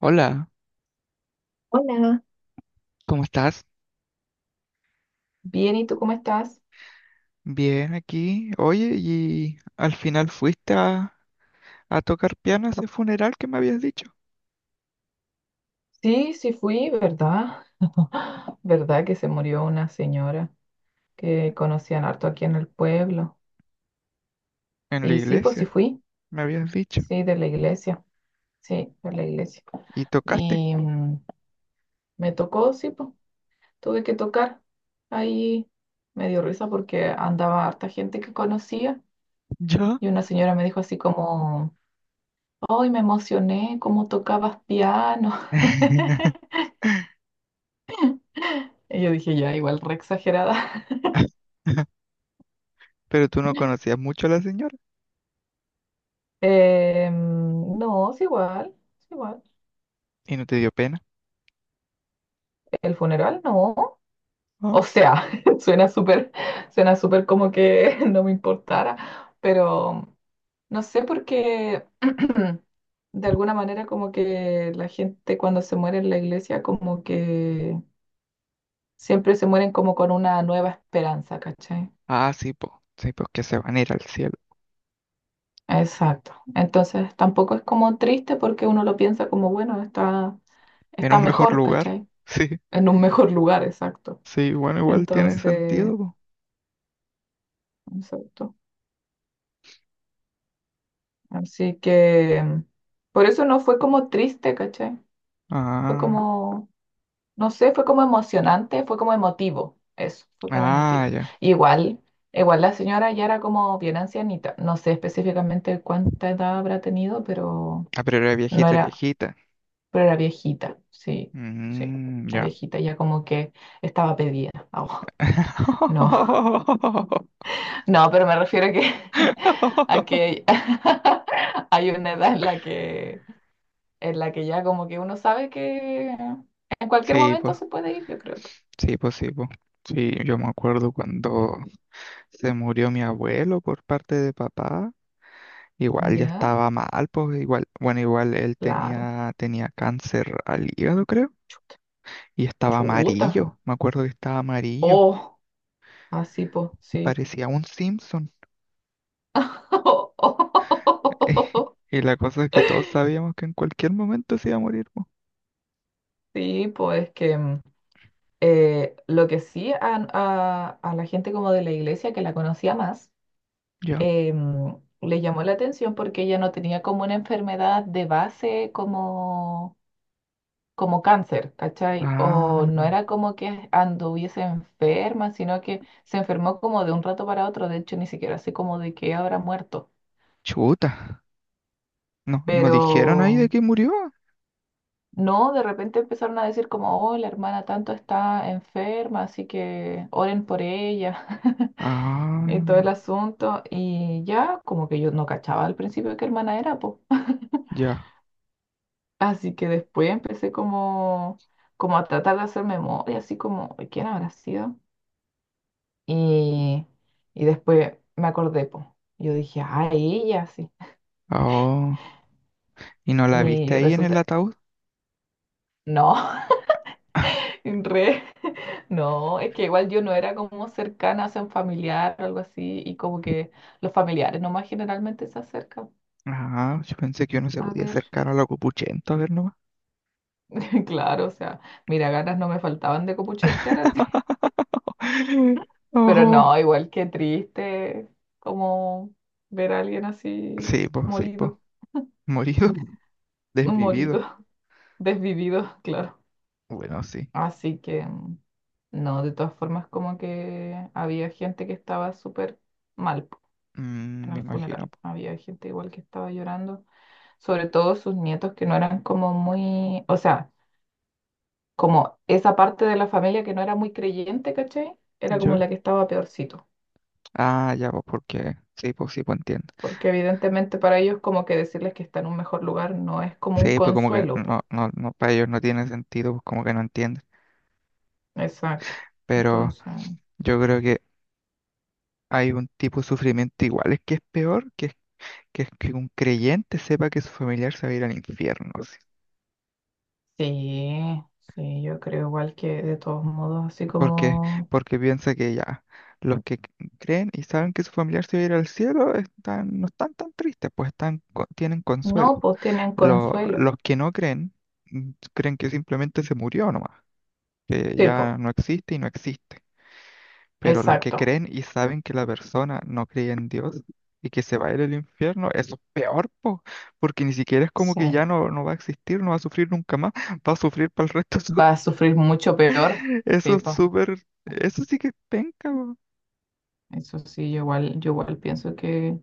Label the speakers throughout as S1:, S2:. S1: Hola,
S2: Hola,
S1: ¿cómo estás?
S2: bien, ¿y tú cómo estás?
S1: Bien aquí. Oye, ¿y al final fuiste a tocar piano a ese funeral que me habías dicho?
S2: Sí, sí fui, ¿verdad? ¿Verdad que se murió una señora que conocían harto aquí en el pueblo?
S1: En la
S2: Y sí, pues sí
S1: iglesia,
S2: fui,
S1: me habías dicho.
S2: sí, de la iglesia, sí, de la iglesia.
S1: ¿Y tocaste?
S2: Y me tocó, sí, pues tuve que tocar. Ahí me dio risa porque andaba harta gente que conocía
S1: ¿Yo?
S2: y una señora me dijo así como, ¡ay, me emocioné! ¿Cómo tocabas piano? Y yo dije, ya, igual re exagerada.
S1: Pero tú no conocías mucho a la señora
S2: No, es igual, es igual.
S1: y no te dio pena,
S2: El funeral no.
S1: ¿no?
S2: O sea, suena súper, suena súper como que no me importara, pero no sé porque de alguna manera como que la gente cuando se muere en la iglesia como que siempre se mueren como con una nueva esperanza, ¿cachai?
S1: Ah, sí, pues que se van a ir al cielo,
S2: Exacto. Entonces tampoco es como triste porque uno lo piensa como, bueno,
S1: en
S2: está
S1: un mejor
S2: mejor,
S1: lugar.
S2: ¿cachai?
S1: Sí,
S2: En un mejor lugar, exacto.
S1: sí, bueno, igual tiene
S2: Entonces,
S1: sentido, po.
S2: exacto. Así que por eso no fue como triste, ¿cachai? Fue
S1: Ah,
S2: como, no sé, fue como emocionante, fue como emotivo. Eso, fue como
S1: ah,
S2: emotivo.
S1: ya.
S2: Igual, igual la señora ya era como bien ancianita. No sé específicamente cuánta edad habrá tenido, pero
S1: Ah, pero era
S2: no
S1: viejita,
S2: era,
S1: viejita.
S2: pero era viejita. Sí, sí.
S1: Mm,
S2: La
S1: ya.
S2: viejita ya como que estaba pedida. Ah, no. No, pero me refiero a que hay una edad en la en la que ya como que uno sabe que en cualquier
S1: Sí,
S2: momento
S1: pues,
S2: se puede ir, yo creo.
S1: sí, pues, sí, pues. Sí, yo me acuerdo cuando se murió mi abuelo por parte de papá. Igual ya
S2: Ya,
S1: estaba mal, pues igual, bueno, igual él
S2: claro.
S1: tenía cáncer al hígado, creo, y estaba
S2: Chuta.
S1: amarillo, me acuerdo que estaba amarillo,
S2: Oh, así pues, sí.
S1: parecía un Simpson. Y la cosa es que todos sabíamos que en cualquier momento se iba a morir, pues.
S2: Sí, pues es que lo que sí a la gente como de la iglesia que la conocía más,
S1: Ya.
S2: eh, mm, le llamó la atención porque ella no tenía como una enfermedad de base como como cáncer, ¿cachai? O
S1: Ah,
S2: no era como que anduviese enferma, sino que se enfermó como de un rato para otro, de hecho ni siquiera sé como de qué habrá muerto,
S1: chuta. No, no
S2: pero
S1: dijeron ahí de que murió.
S2: no, de repente empezaron a decir como, oh, la hermana tanto está enferma, así que oren por ella. Y
S1: Ah,
S2: todo el asunto, y ya como que yo no cachaba al principio qué hermana era, pues.
S1: ya.
S2: Así que después empecé como, como a tratar de hacer memoria, así como, ¿quién habrá sido? Y, y después me acordé, po. Yo dije, ah, ella sí.
S1: Oh, ¿y no la viste
S2: Y
S1: ahí en el
S2: resulta,
S1: ataúd?
S2: no, en re, no, es que igual yo no era como cercana, o sea, un familiar o algo así, y como que los familiares nomás generalmente se acercan.
S1: Ah, yo pensé que uno se
S2: A
S1: podía
S2: ver,
S1: acercar a la Copuchento a ver nomás.
S2: claro, o sea, mira, ganas no me faltaban de copuchetear así. Pero
S1: Oh,
S2: no, igual que triste, como ver a alguien así
S1: sí, pues, sí, pues.
S2: morido,
S1: Morido,
S2: morido,
S1: desvivido.
S2: desvivido, claro.
S1: Bueno, sí.
S2: Así que, no, de todas formas, como que había gente que estaba súper mal po,
S1: Mm,
S2: en
S1: me
S2: el
S1: imagino,
S2: funeral.
S1: po.
S2: Había gente igual que estaba llorando, sobre todo sus nietos que no eran como muy, o sea, como esa parte de la familia que no era muy creyente, ¿cachai? Era como
S1: ¿Yo?
S2: la que estaba peorcito.
S1: Ah, ya, pues, porque. Sí, pues entiendo.
S2: Porque evidentemente para ellos como que decirles que está en un mejor lugar no es como un
S1: Sí, pues como que
S2: consuelo,
S1: no,
S2: po.
S1: no, no, para ellos no tiene sentido, pues como que no entienden.
S2: Exacto.
S1: Pero
S2: Entonces,
S1: yo creo que hay un tipo de sufrimiento igual, es que es peor, que es que un creyente sepa que su familiar se va a ir al infierno, así.
S2: sí, sí, yo creo igual que de todos modos, así
S1: Porque,
S2: como...
S1: porque piensa que ya, los que creen y saben que su familiar se va a ir al cielo están, no están tan tristes, pues están, tienen
S2: No,
S1: consuelo.
S2: pues tienen consuelo.
S1: Los que no creen, mm, creen que simplemente se murió nomás, que
S2: Sí, pues,
S1: ya no existe y no existe. Pero los que
S2: exacto.
S1: creen y saben que la persona no cree en Dios y que se va a ir al infierno, eso es peor, po, porque ni siquiera es como
S2: Sí.
S1: que ya no, no va a existir, no va a sufrir nunca más, va a sufrir para el resto de
S2: Va a sufrir mucho peor.
S1: Eso
S2: Sí,
S1: es
S2: pues.
S1: súper, eso sí que es penca, po.
S2: Eso sí, yo igual pienso que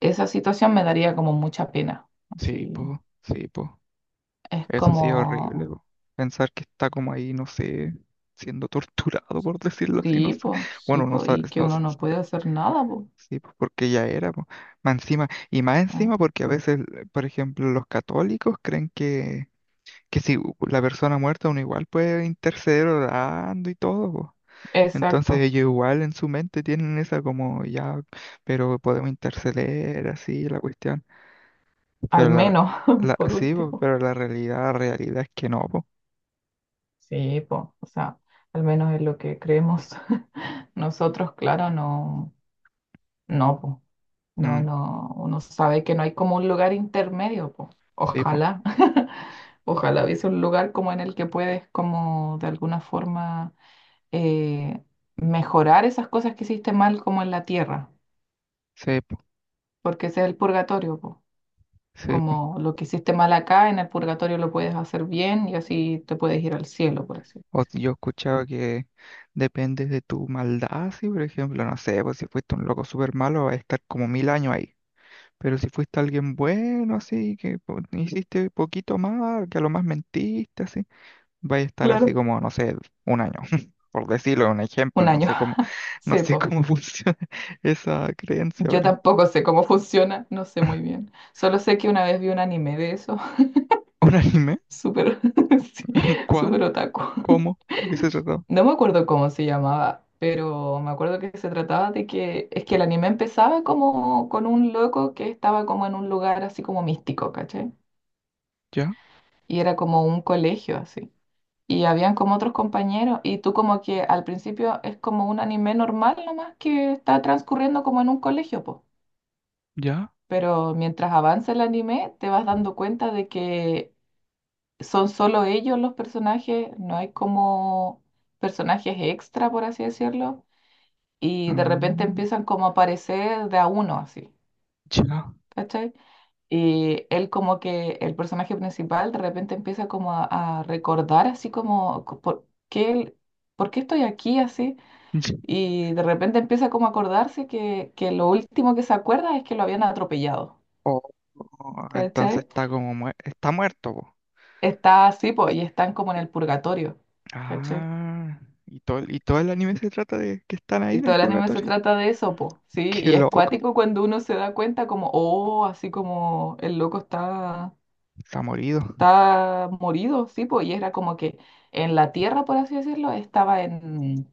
S2: esa situación me daría como mucha pena.
S1: Sí,
S2: Así,
S1: po, sí, po.
S2: es
S1: Eso sí es horrible,
S2: como,
S1: po. Pensar que está como ahí, no sé, siendo torturado, por decirlo así, no sé.
S2: sí,
S1: Bueno, no
S2: pues, y
S1: sabes,
S2: que
S1: no
S2: uno
S1: sé.
S2: no puede hacer nada, pues.
S1: Sí, pues, porque ya era, po. Más encima, y más
S2: ¿Eh?
S1: encima porque a veces, por ejemplo, los católicos creen que si la persona muerta uno igual puede interceder orando y todo, po. Entonces
S2: Exacto.
S1: ellos igual en su mente tienen esa como ya, pero podemos interceder así la cuestión.
S2: Al
S1: Pero la,
S2: menos,
S1: la
S2: por
S1: sí, pues
S2: último.
S1: pero la realidad es que no, pues.
S2: Sí, pues, o sea, al menos es lo que creemos nosotros, claro, no, no, pues. No,
S1: Mm,
S2: no, uno sabe que no hay como un lugar intermedio, po.
S1: sí, pues,
S2: Ojalá, ojalá hubiese un lugar como en el que puedes como de alguna forma eh, mejorar esas cosas que hiciste mal como en la tierra,
S1: sí, pues,
S2: porque ese es el purgatorio, po.
S1: sí, po.
S2: Como lo que hiciste mal acá, en el purgatorio lo puedes hacer bien y así te puedes ir al cielo, por así.
S1: O si yo he escuchado que depende de tu maldad, si por ejemplo, no sé, pues si fuiste un loco súper malo, vas a estar como 1.000 años ahí. Pero si fuiste alguien bueno, así, que hiciste poquito mal, que a lo más mentiste, así, vas a estar así
S2: Claro.
S1: como, no sé, un año. Por decirlo, un ejemplo,
S2: Un
S1: no
S2: año.
S1: sé cómo, no
S2: Sí,
S1: sé
S2: po.
S1: cómo funciona esa creencia,
S2: Yo
S1: pero.
S2: tampoco sé cómo funciona, no sé muy bien. Solo sé que una vez vi un anime de eso.
S1: ¿Un anime?
S2: Súper, sí, súper
S1: ¿Cuál?
S2: otaku.
S1: ¿Cómo? ¿De qué se trató?
S2: No me acuerdo cómo se llamaba, pero me acuerdo que se trataba de que es que el anime empezaba como con un loco que estaba como en un lugar así como místico, ¿cachai?
S1: ¿Ya?
S2: Y era como un colegio así. Y habían como otros compañeros y tú como que al principio es como un anime normal nomás que está transcurriendo como en un colegio, po.
S1: ¿Ya?
S2: Pero mientras avanza el anime te vas dando cuenta de que son solo ellos los personajes, no hay como personajes extra, por así decirlo, y de repente
S1: Mm,
S2: empiezan como a aparecer de a uno, así,
S1: ya.
S2: ¿cachai? Y él como que, el personaje principal de repente empieza como a recordar así como, ¿por qué, por qué estoy aquí así? Y de repente empieza como a acordarse que lo último que se acuerda es que lo habían atropellado,
S1: Oh, oh, entonces
S2: ¿cachai?
S1: está como está muerto, po.
S2: Está así, pues, y están como en el purgatorio, ¿cachai?
S1: Ah, y todo, y todo el anime se trata de que están ahí
S2: Y
S1: en
S2: todo
S1: el
S2: el anime se
S1: purgatorio.
S2: trata de eso, po, ¿sí?
S1: Qué
S2: Y es
S1: loco,
S2: cuático cuando uno se da cuenta como, oh, así como el loco está,
S1: está morido.
S2: está morido, ¿sí? Po? Y era como que en la tierra, por así decirlo, estaba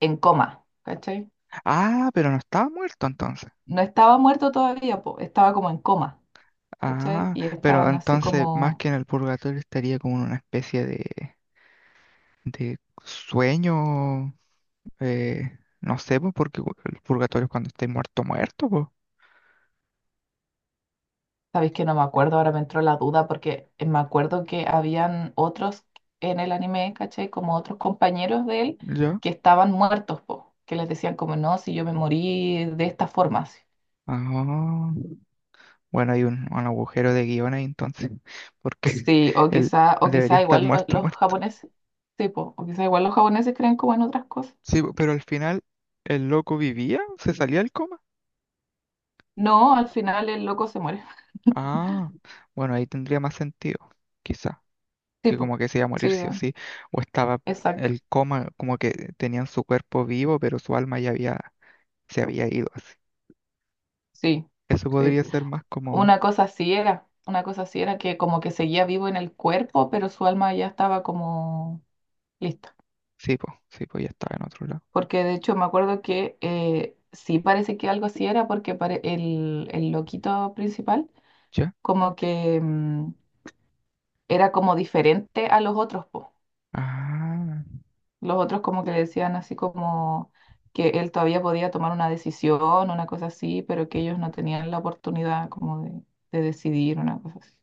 S2: en coma, ¿cachai?
S1: Ah, pero no estaba muerto entonces.
S2: No estaba muerto todavía, po, estaba como en coma, ¿cachai?
S1: Ah,
S2: Y
S1: pero
S2: estaban así
S1: entonces más
S2: como.
S1: que en el purgatorio estaría como en una especie de sueño, no sé, po, porque el purgatorio es cuando esté muerto, muerto, pues.
S2: Sabéis que no me acuerdo, ahora me entró la duda porque me acuerdo que habían otros en el anime, ¿cachai? Como otros compañeros de él
S1: ¿Ya?
S2: que estaban muertos, po, que les decían como, no, si yo me morí de esta forma. Así".
S1: Ah. Bueno, hay un agujero de guión ahí entonces, porque
S2: Sí,
S1: él
S2: o
S1: debería
S2: quizá
S1: estar
S2: igual
S1: muerto,
S2: los
S1: muerto.
S2: japoneses, sí, po, o quizá igual los japoneses creen como en otras cosas.
S1: Sí, po, pero al final, ¿el loco vivía? ¿Se salía del coma?
S2: No, al final el loco se muere.
S1: Ah, bueno, ahí tendría más sentido, quizá, que como
S2: Tipo,
S1: que se iba a morir
S2: sí,
S1: sí o
S2: da-
S1: sí, o estaba
S2: exacto,
S1: el coma, como que tenían su cuerpo vivo, pero su alma ya había, se había ido así.
S2: sí,
S1: Eso
S2: sí.
S1: podría ser más como,
S2: Una cosa así era, una cosa así era que como que seguía vivo en el cuerpo, pero su alma ya estaba como. Listo.
S1: sí, pues ya estaba en otro lado.
S2: Porque de hecho me acuerdo que sí parece que algo así era porque el loquito principal
S1: ¿Ya?
S2: como que era como diferente a los otros, po.
S1: Ah,
S2: Los otros como que le decían así como que él todavía podía tomar una decisión, una cosa así, pero que ellos no tenían la oportunidad como de decidir una cosa así.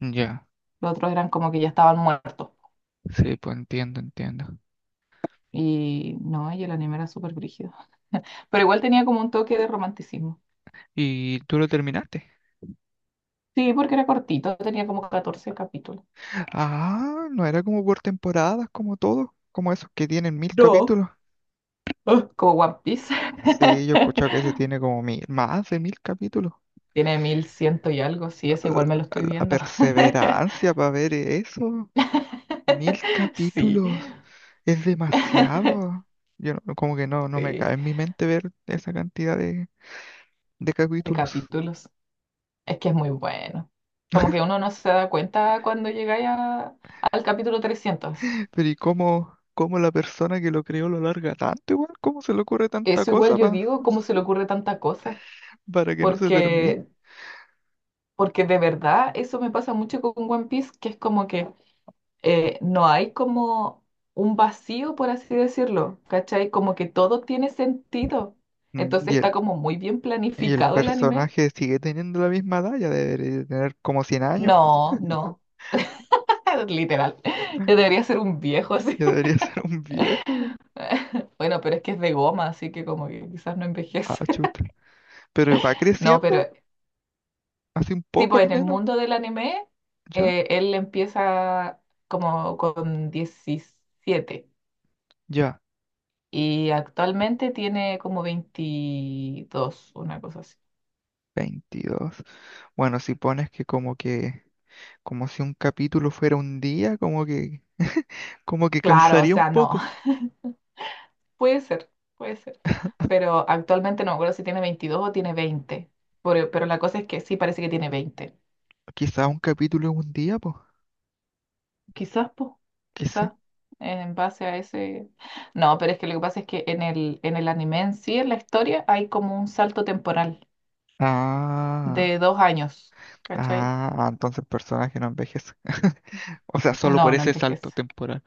S1: ya,
S2: Los otros eran como que ya estaban muertos.
S1: sí, pues entiendo, entiendo.
S2: Y no, y el anime era súper brígido. Pero igual tenía como un toque de romanticismo.
S1: ¿Y tú lo terminaste?
S2: Sí, porque era cortito, tenía como 14 capítulos.
S1: Ah, no era como por temporadas, como todos, como esos que tienen mil
S2: No,
S1: capítulos.
S2: ah, como One Piece.
S1: Sí, yo he escuchado que ese tiene como mil, más de mil capítulos.
S2: Tiene 1100 y algo, sí, ese igual me lo
S1: La
S2: estoy
S1: la
S2: viendo.
S1: perseverancia para ver eso, mil
S2: Sí,
S1: capítulos, es demasiado. Yo no- Como que no, no me
S2: sí,
S1: cae en mi mente ver esa cantidad de
S2: de
S1: capítulos.
S2: capítulos. Es que es muy bueno. Como que uno no se da cuenta cuando llegáis a- al capítulo 300. Así.
S1: Pero ¿y cómo, cómo la persona que lo creó lo larga tanto igual? ¿Cómo se le ocurre tanta
S2: Eso igual
S1: cosa
S2: yo digo, ¿cómo se le ocurre tanta cosa?
S1: para que no se termine?
S2: Porque, porque de verdad eso me pasa mucho con One Piece, que es como que no hay como un vacío, por así decirlo, ¿cachai? Como que todo tiene sentido.
S1: Mm,
S2: Entonces
S1: Y
S2: está
S1: el
S2: como muy bien
S1: y el
S2: planificado el anime.
S1: personaje sigue teniendo la misma edad, ya debería tener como 100 años,
S2: No, no, literal. Yo debería ser un viejo así.
S1: ya debería ser un viejo.
S2: Bueno, pero es que es de goma, así que como que quizás no
S1: Ah,
S2: envejece.
S1: chuta. Pero va
S2: No,
S1: creciendo,
S2: pero
S1: hace un
S2: sí,
S1: poco
S2: pues
S1: al
S2: en el
S1: menos,
S2: mundo del anime,
S1: ya,
S2: él empieza como con 17
S1: ya,
S2: y actualmente tiene como 22 una cosa así.
S1: 22. Bueno, si pones que, como si un capítulo fuera un día, como que
S2: Claro, o
S1: calzaría un
S2: sea, no.
S1: poco.
S2: Puede ser, puede ser. Pero actualmente no me acuerdo si tiene 22 o tiene 20. Pero la cosa es que sí parece que tiene 20.
S1: Quizá un capítulo es un día, pues,
S2: Quizás, pues, quizás
S1: quizá.
S2: en base a ese... No, pero es que lo que pasa es que en el anime en sí, en la historia, hay como un salto temporal
S1: Ah,
S2: de 2 años. ¿Cachai?
S1: ah, entonces el personaje no envejece. O sea, solo por
S2: No, no
S1: ese salto
S2: envejece.
S1: temporal.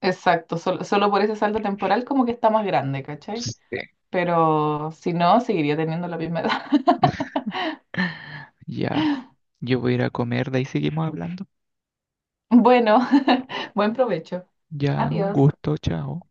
S2: Exacto, solo, solo por ese salto temporal como que está más grande, ¿cachai?
S1: Sí.
S2: Pero si no, seguiría teniendo la misma edad.
S1: Ya, yo voy a ir a comer, de ahí seguimos hablando.
S2: Bueno, buen provecho.
S1: Ya, un
S2: Adiós.
S1: gusto, chao.